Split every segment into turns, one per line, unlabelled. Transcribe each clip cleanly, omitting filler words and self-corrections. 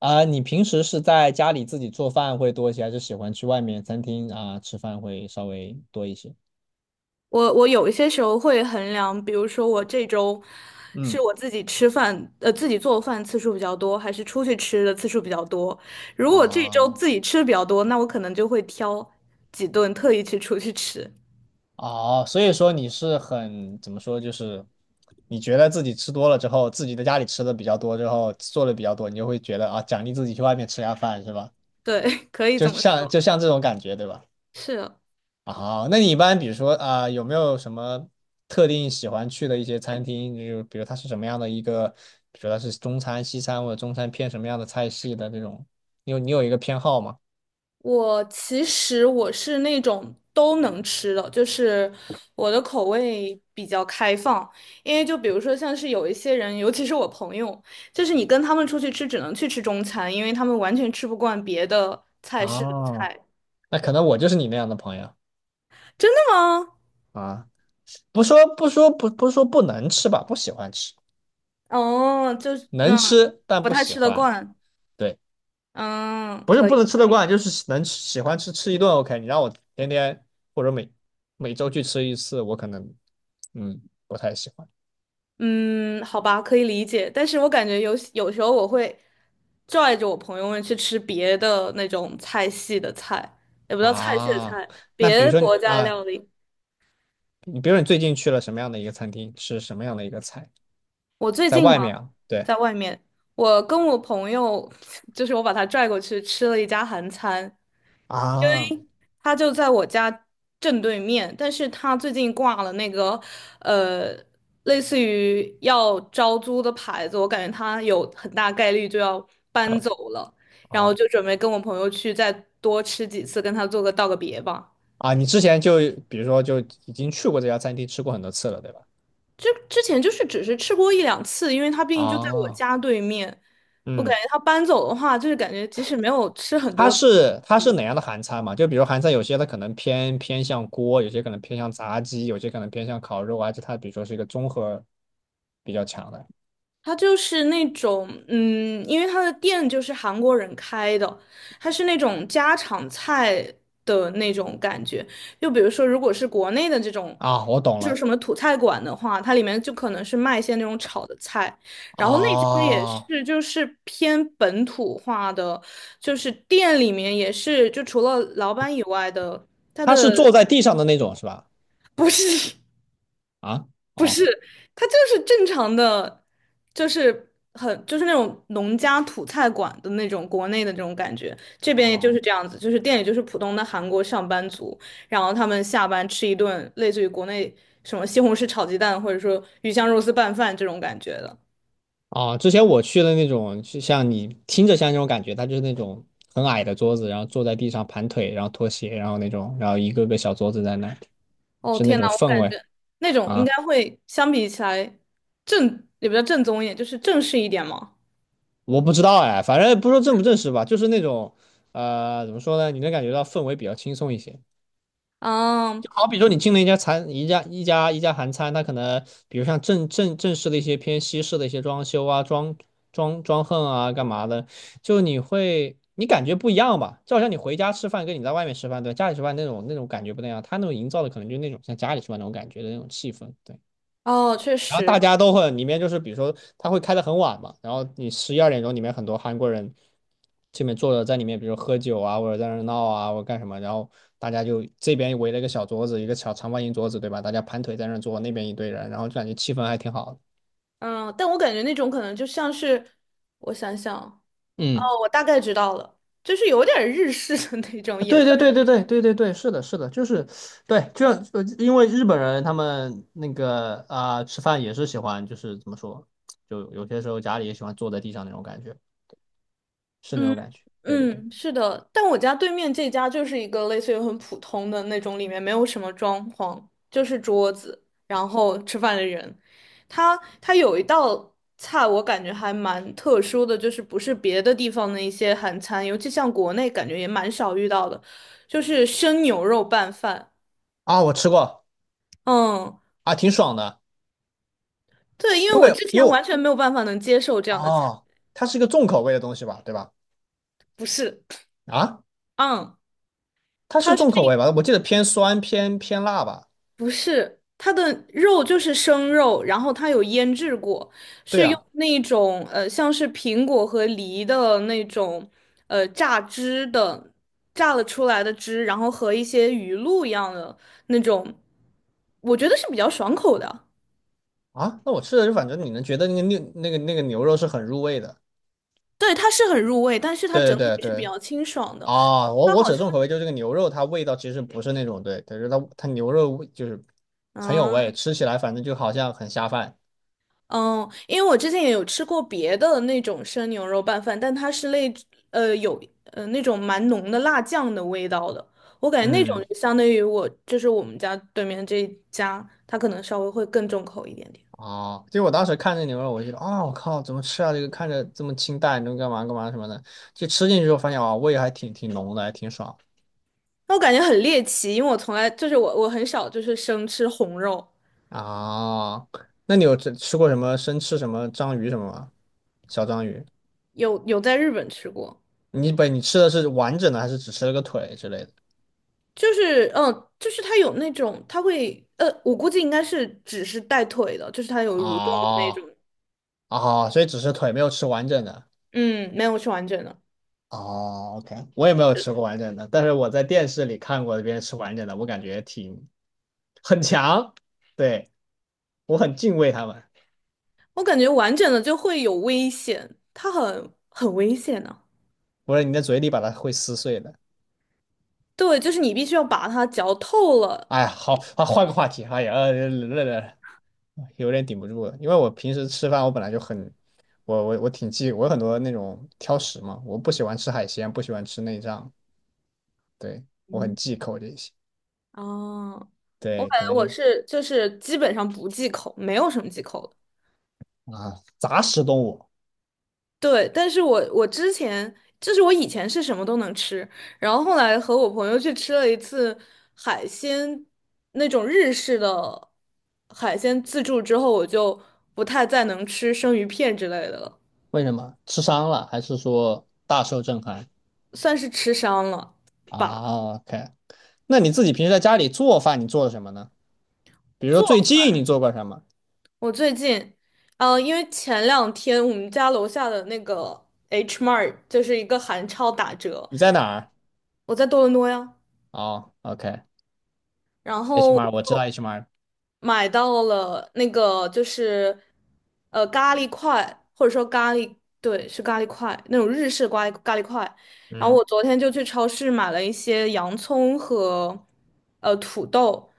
啊、你平时是在家里自己做饭会多一些，还是喜欢去外面餐厅啊、吃饭会稍微多一些？
我有一些时候会衡量，比如说我这周是
嗯。
我自己吃饭，自己做饭次数比较多，还是出去吃的次数比较多。如果这周
啊。
自己吃的比较多，那我可能就会挑几顿特意去出去吃。
哦，所以说你是很，怎么说，就是你觉得自己吃多了之后，自己在家里吃的比较多之后，做的比较多，你就会觉得啊，奖励自己去外面吃下饭是吧？
对，可以
就
这么
像
说，
就像这种感觉，对吧？
是。
啊，那你一般比如说啊、有没有什么特定喜欢去的一些餐厅？就比如它是什么样的一个，比如它是中餐、西餐，或者中餐偏什么样的菜系的这种？你有一个偏好吗？
我其实是那种都能吃的，就是我的口味比较开放。因为就比如说像是有一些人，尤其是我朋友，就是你跟他们出去吃，只能去吃中餐，因为他们完全吃不惯别的菜式的
啊，
菜。
那可能我就是你那样的朋友。
真的吗？
啊，不是说不能吃吧，不喜欢吃，
哦，就是
能吃但
不
不
太
喜
吃得
欢，
惯。
对。
嗯，
不是
可
不
以。
能吃得惯，就是能吃喜欢吃吃一顿 OK,你让我天天或者每周去吃一次，我可能嗯不太喜欢。
嗯，好吧，可以理解，但是我感觉有时候我会拽着我朋友们去吃别的那种菜系的菜，也不叫菜系的
啊，
菜，
那
别
比如
的
说
国
你
家
啊，
料理。
你比如说你最近去了什么样的一个餐厅，吃什么样的一个菜，
我最
在
近
外
嘛，
面啊，对
在外面，我跟我朋友，就是我把他拽过去吃了一家韩餐，
啊
他就在我家正对面，但是他最近挂了那个，呃，类似于要招租的牌子，我感觉他有很大概率就要搬
啊
走了，然后
啊，
就准备跟我朋友去再多吃几次，跟他道个别吧。
你之前就比如说就已经去过这家餐厅吃过很多次了，对吧？
就之前就是只是吃过一两次，因为他毕竟就在我
啊，
家对面，我感
嗯。
觉他搬走的话，就是感觉即使没有吃很
它
多次。
是它是哪样的韩餐嘛？就比如韩餐有些它可能偏向锅，有些可能偏向炸鸡，有些可能偏向烤肉啊，就它比如说是一个综合比较强的。
它就是那种，因为它的店就是韩国人开的，它是那种家常菜的那种感觉。就比如说，如果是国内的这种，
啊，我懂
就是
了。
什么土菜馆的话，它里面就可能是卖一些那种炒的菜，然后那家也
啊，
是就是偏本土化的，就是店里面也是，就除了老板以外的，他
它是
的
坐在地上的那种是吧？
不是。
啊。哦。
是，它就是正常的，就是就是那种农家土菜馆的那种国内的这种感觉，这边也就是
哦。
这样子，就是店里就是普通的韩国上班族，然后他们下班吃一顿类似于国内什么西红柿炒鸡蛋或者说鱼香肉丝拌饭这种感觉的。
哦，之前我去的那种，就像你听着像那种感觉，它就是那种很矮的桌子，然后坐在地上盘腿，然后脱鞋，然后那种，然后一个个小桌子在那，
哦
是那
天呐，
种
我
氛
感
围。
觉那种应
啊。
该会相比起来也比较正宗一点，就是正式一点嘛。
我不知道哎，反正不说正不正式吧，就是那种，怎么说呢？你能感觉到氛围比较轻松一些。
嗯，
就好比说你进了一家餐一家一家一家韩餐，它可能比如像正式的一些偏西式的一些装修啊、装横啊、干嘛的，就你会你感觉不一样吧？就好像你回家吃饭跟你在外面吃饭，对，家里吃饭那种感觉不那样，他那种营造的可能就是那种像家里吃饭那种感觉的那种气氛，对。
哦，确
然后
实，
大家都会里面就是，比如说他会开的很晚嘛，然后你十一二点钟里面很多韩国人这边坐着在里面，比如喝酒啊，或者在那儿闹啊，或者干什么，然后大家就这边围了一个小桌子，一个小长方形桌子，对吧？大家盘腿在那儿坐，那边一堆人，然后就感觉气氛还挺好的。
嗯，但我感觉那种可能就像是，我想想，哦，
嗯。
我大概知道了，就是有点日式的那种，
啊
也
对
算
对对对对对对对，是的，是的，就是，对，就因为日本人他们那个啊、吃饭也是喜欢，就是怎么说，就有些时候家里也喜欢坐在地上那种感觉，是那种
嗯
感觉。对对对。
嗯，是的。但我家对面这家就是一个类似于很普通的那种，里面没有什么装潢，就是桌子，然后吃饭的人。他有一道菜，我感觉还蛮特殊的，就是不是别的地方的一些韩餐，尤其像国内感觉也蛮少遇到的，就是生牛肉拌饭。
啊，我吃过。
嗯。
啊，挺爽的，
对，因为
因
我
为
之
因
前
为
完
我
全没有办法能接受这样的菜，
哦，它是一个重口味的东西吧，对吧？
不是，
啊，
嗯，
它是
它是
重口
一
味吧？我记得偏酸偏辣吧？
不是它的肉就是生肉，然后它有腌制过，
对
是用
啊。
那种像是苹果和梨的那种呃榨汁的榨了出来的汁，然后和一些鱼露一样的那种，我觉得是比较爽口的。
啊，那我吃的就反正你能觉得那个牛那个牛肉是很入味的，
对，它是很入味，但是它
对对
整体
对
是比
对。
较清爽的。
啊，我
它
我指
好
的
像，
重口味就是这个牛肉，它味道其实不是那种对，但是它牛肉味就是很有
嗯。
味，吃起来反正就好像很下饭。
嗯，因为我之前也有吃过别的那种生牛肉拌饭，但它是有那种蛮浓的辣酱的味道的，我感觉那种
嗯。
就相当于就是我们家对面这一家，它可能稍微会更重口一点点。
哦，就我当时看这牛肉，我就觉得啊，我靠，怎么吃啊？这个看着这么清淡，你能干嘛干嘛什么的，就吃进去之后发现啊，味还挺挺浓的，还挺爽。
那我感觉很猎奇，因为我从来就是我很少就是生吃红肉，
啊，那你有吃吃过什么生吃什么章鱼什么吗？小章鱼？
有在日本吃过，
你不，你吃的是完整的，还是只吃了个腿之类的？
就是它有那种它会呃我估计应该是只是带腿的，就是它有蠕动的那
哦。
种，
哦，所以只是腿没有吃完整的。
嗯没有吃完整的。
哦，OK,我也没有吃过完整的，但是我在电视里看过别人吃完整的，我感觉挺很强，对，我很敬畏他们。
我感觉完整的就会有危险，它很危险呢、
不是你的嘴里把它会撕碎的。
对，就是你必须要把它嚼透了。
哎呀，好，好，换个话题。哎呀，有点顶不住了，因为我平时吃饭我本来就很，我挺忌，我有很多那种挑食嘛，我不喜欢吃海鲜，不喜欢吃内脏，对，我很
嗯，
忌口这些。
啊，我
对，
感
可
觉
能就
就是基本上不忌口，没有什么忌口的。
啊，杂食动物。
对，但是我之前就是我以前是什么都能吃，然后后来和我朋友去吃了一次海鲜那种日式的海鲜自助之后，我就不太再能吃生鱼片之类的了，
为什么？吃伤了还是说大受震撼？
算是吃伤了吧。
啊，OK。那你自己平时在家里做饭，你做了什么呢？比如说最近你做过什么？
我最近，因为前两天我们家楼下的那个 H Mart 就是一个韩超打折，
你在哪儿？
我在多伦多呀，
哦OK，HMR，
然后我
我知道
就
HMR。
买到了那个就是咖喱块，或者说咖喱，对，是咖喱块那种日式咖喱块。然后
嗯，
我昨天就去超市买了一些洋葱和土豆，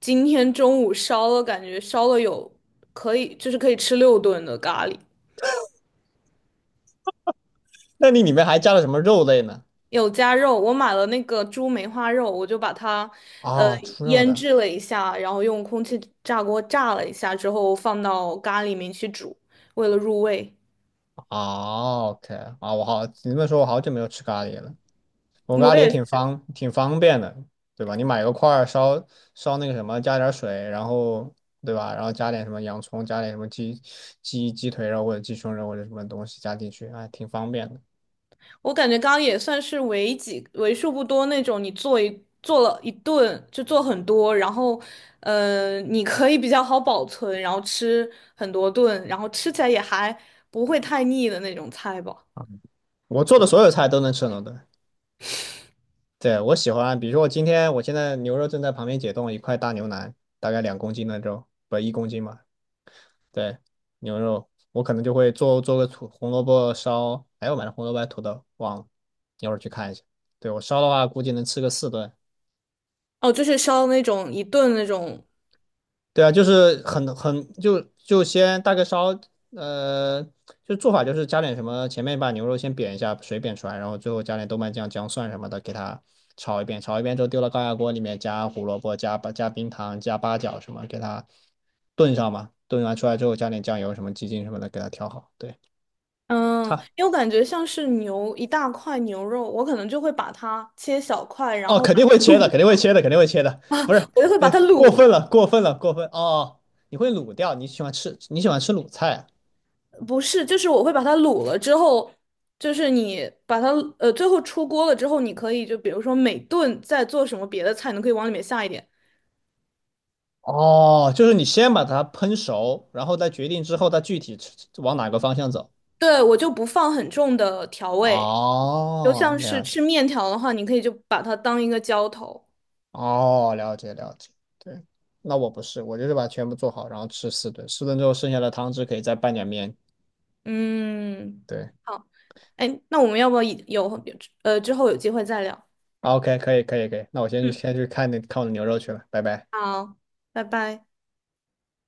今天中午烧了，感觉烧了有可以就是可以吃六顿的咖喱。
那你里面还加了什么肉类呢？
有加肉，我买了那个猪梅花肉，我就把它呃
啊、猪肉
腌
的。
制了一下，然后用空气炸锅炸了一下之后放到咖喱里面去煮，为了入味。
哦，OK。啊，我好，你这么说，我好久没有吃咖喱了。我咖
我
喱也挺
也
方，挺方便的，对吧？你买个块儿烧那个什么，加点儿水，然后对吧？然后加点什么洋葱，加点什么鸡鸡腿肉或者鸡胸肉或者什么东西加进去，哎，挺方便的。
我感觉刚刚也算是为数不多那种你做了一顿就做很多，然后你可以比较好保存，然后吃很多顿，然后吃起来也还不会太腻的那种菜吧。
我做的所有菜都能吃很多顿。对，我喜欢，比如说我今天，我现在牛肉正在旁边解冻，一块大牛腩，大概两公斤的肉，不，一公斤嘛。对，牛肉，我可能就会做个土红萝卜烧，哎，我买的红萝卜还是土豆，忘了，一会儿去看一下。对，我烧的话，估计能吃个四顿。
哦，就是烧那种一顿那种
对啊，就是很就先大概烧，呃，就做法就是加点什么，前面把牛肉先煸一下，水煸出来，然后最后加点豆瓣酱、姜蒜什么的，给它炒一遍，炒一遍之后丢到高压锅里面，加胡萝卜、加八加冰糖、加八角什么，给它炖上嘛。炖完出来之后加点酱油什么、鸡精什么的，给它调好。对。
嗯，
差
因为我感觉像是一大块牛肉，我可能就会把它切小块，然
哦，
后
肯定会切的，肯定会切的，肯定会切的，不是，
我就会把它
过
卤
分
了。
了，过分了，过分哦！你会卤掉，你喜欢吃，你喜欢吃卤菜啊。
不是，就是我会把它卤了之后，就是你把它最后出锅了之后，你可以就比如说每顿再做什么别的菜，你可以往里面下一点。
哦，就是你先把它烹熟，然后再决定之后它具体吃往哪个方向走。
对，我就不放很重的调味，就
哦，
像是
了
吃
解。
面条的话，你可以就把它当一个浇头。
哦，了解，了解，对。那我不是，我就是把全部做好，然后吃四顿，四顿之后剩下的汤汁可以再拌点面。
嗯，
对
好，哎，那我们要不要之后有机会再聊？
，OK,可以，可以，可以，那我先去
嗯，
先去看那看我的牛肉去了，拜拜。
好，拜拜。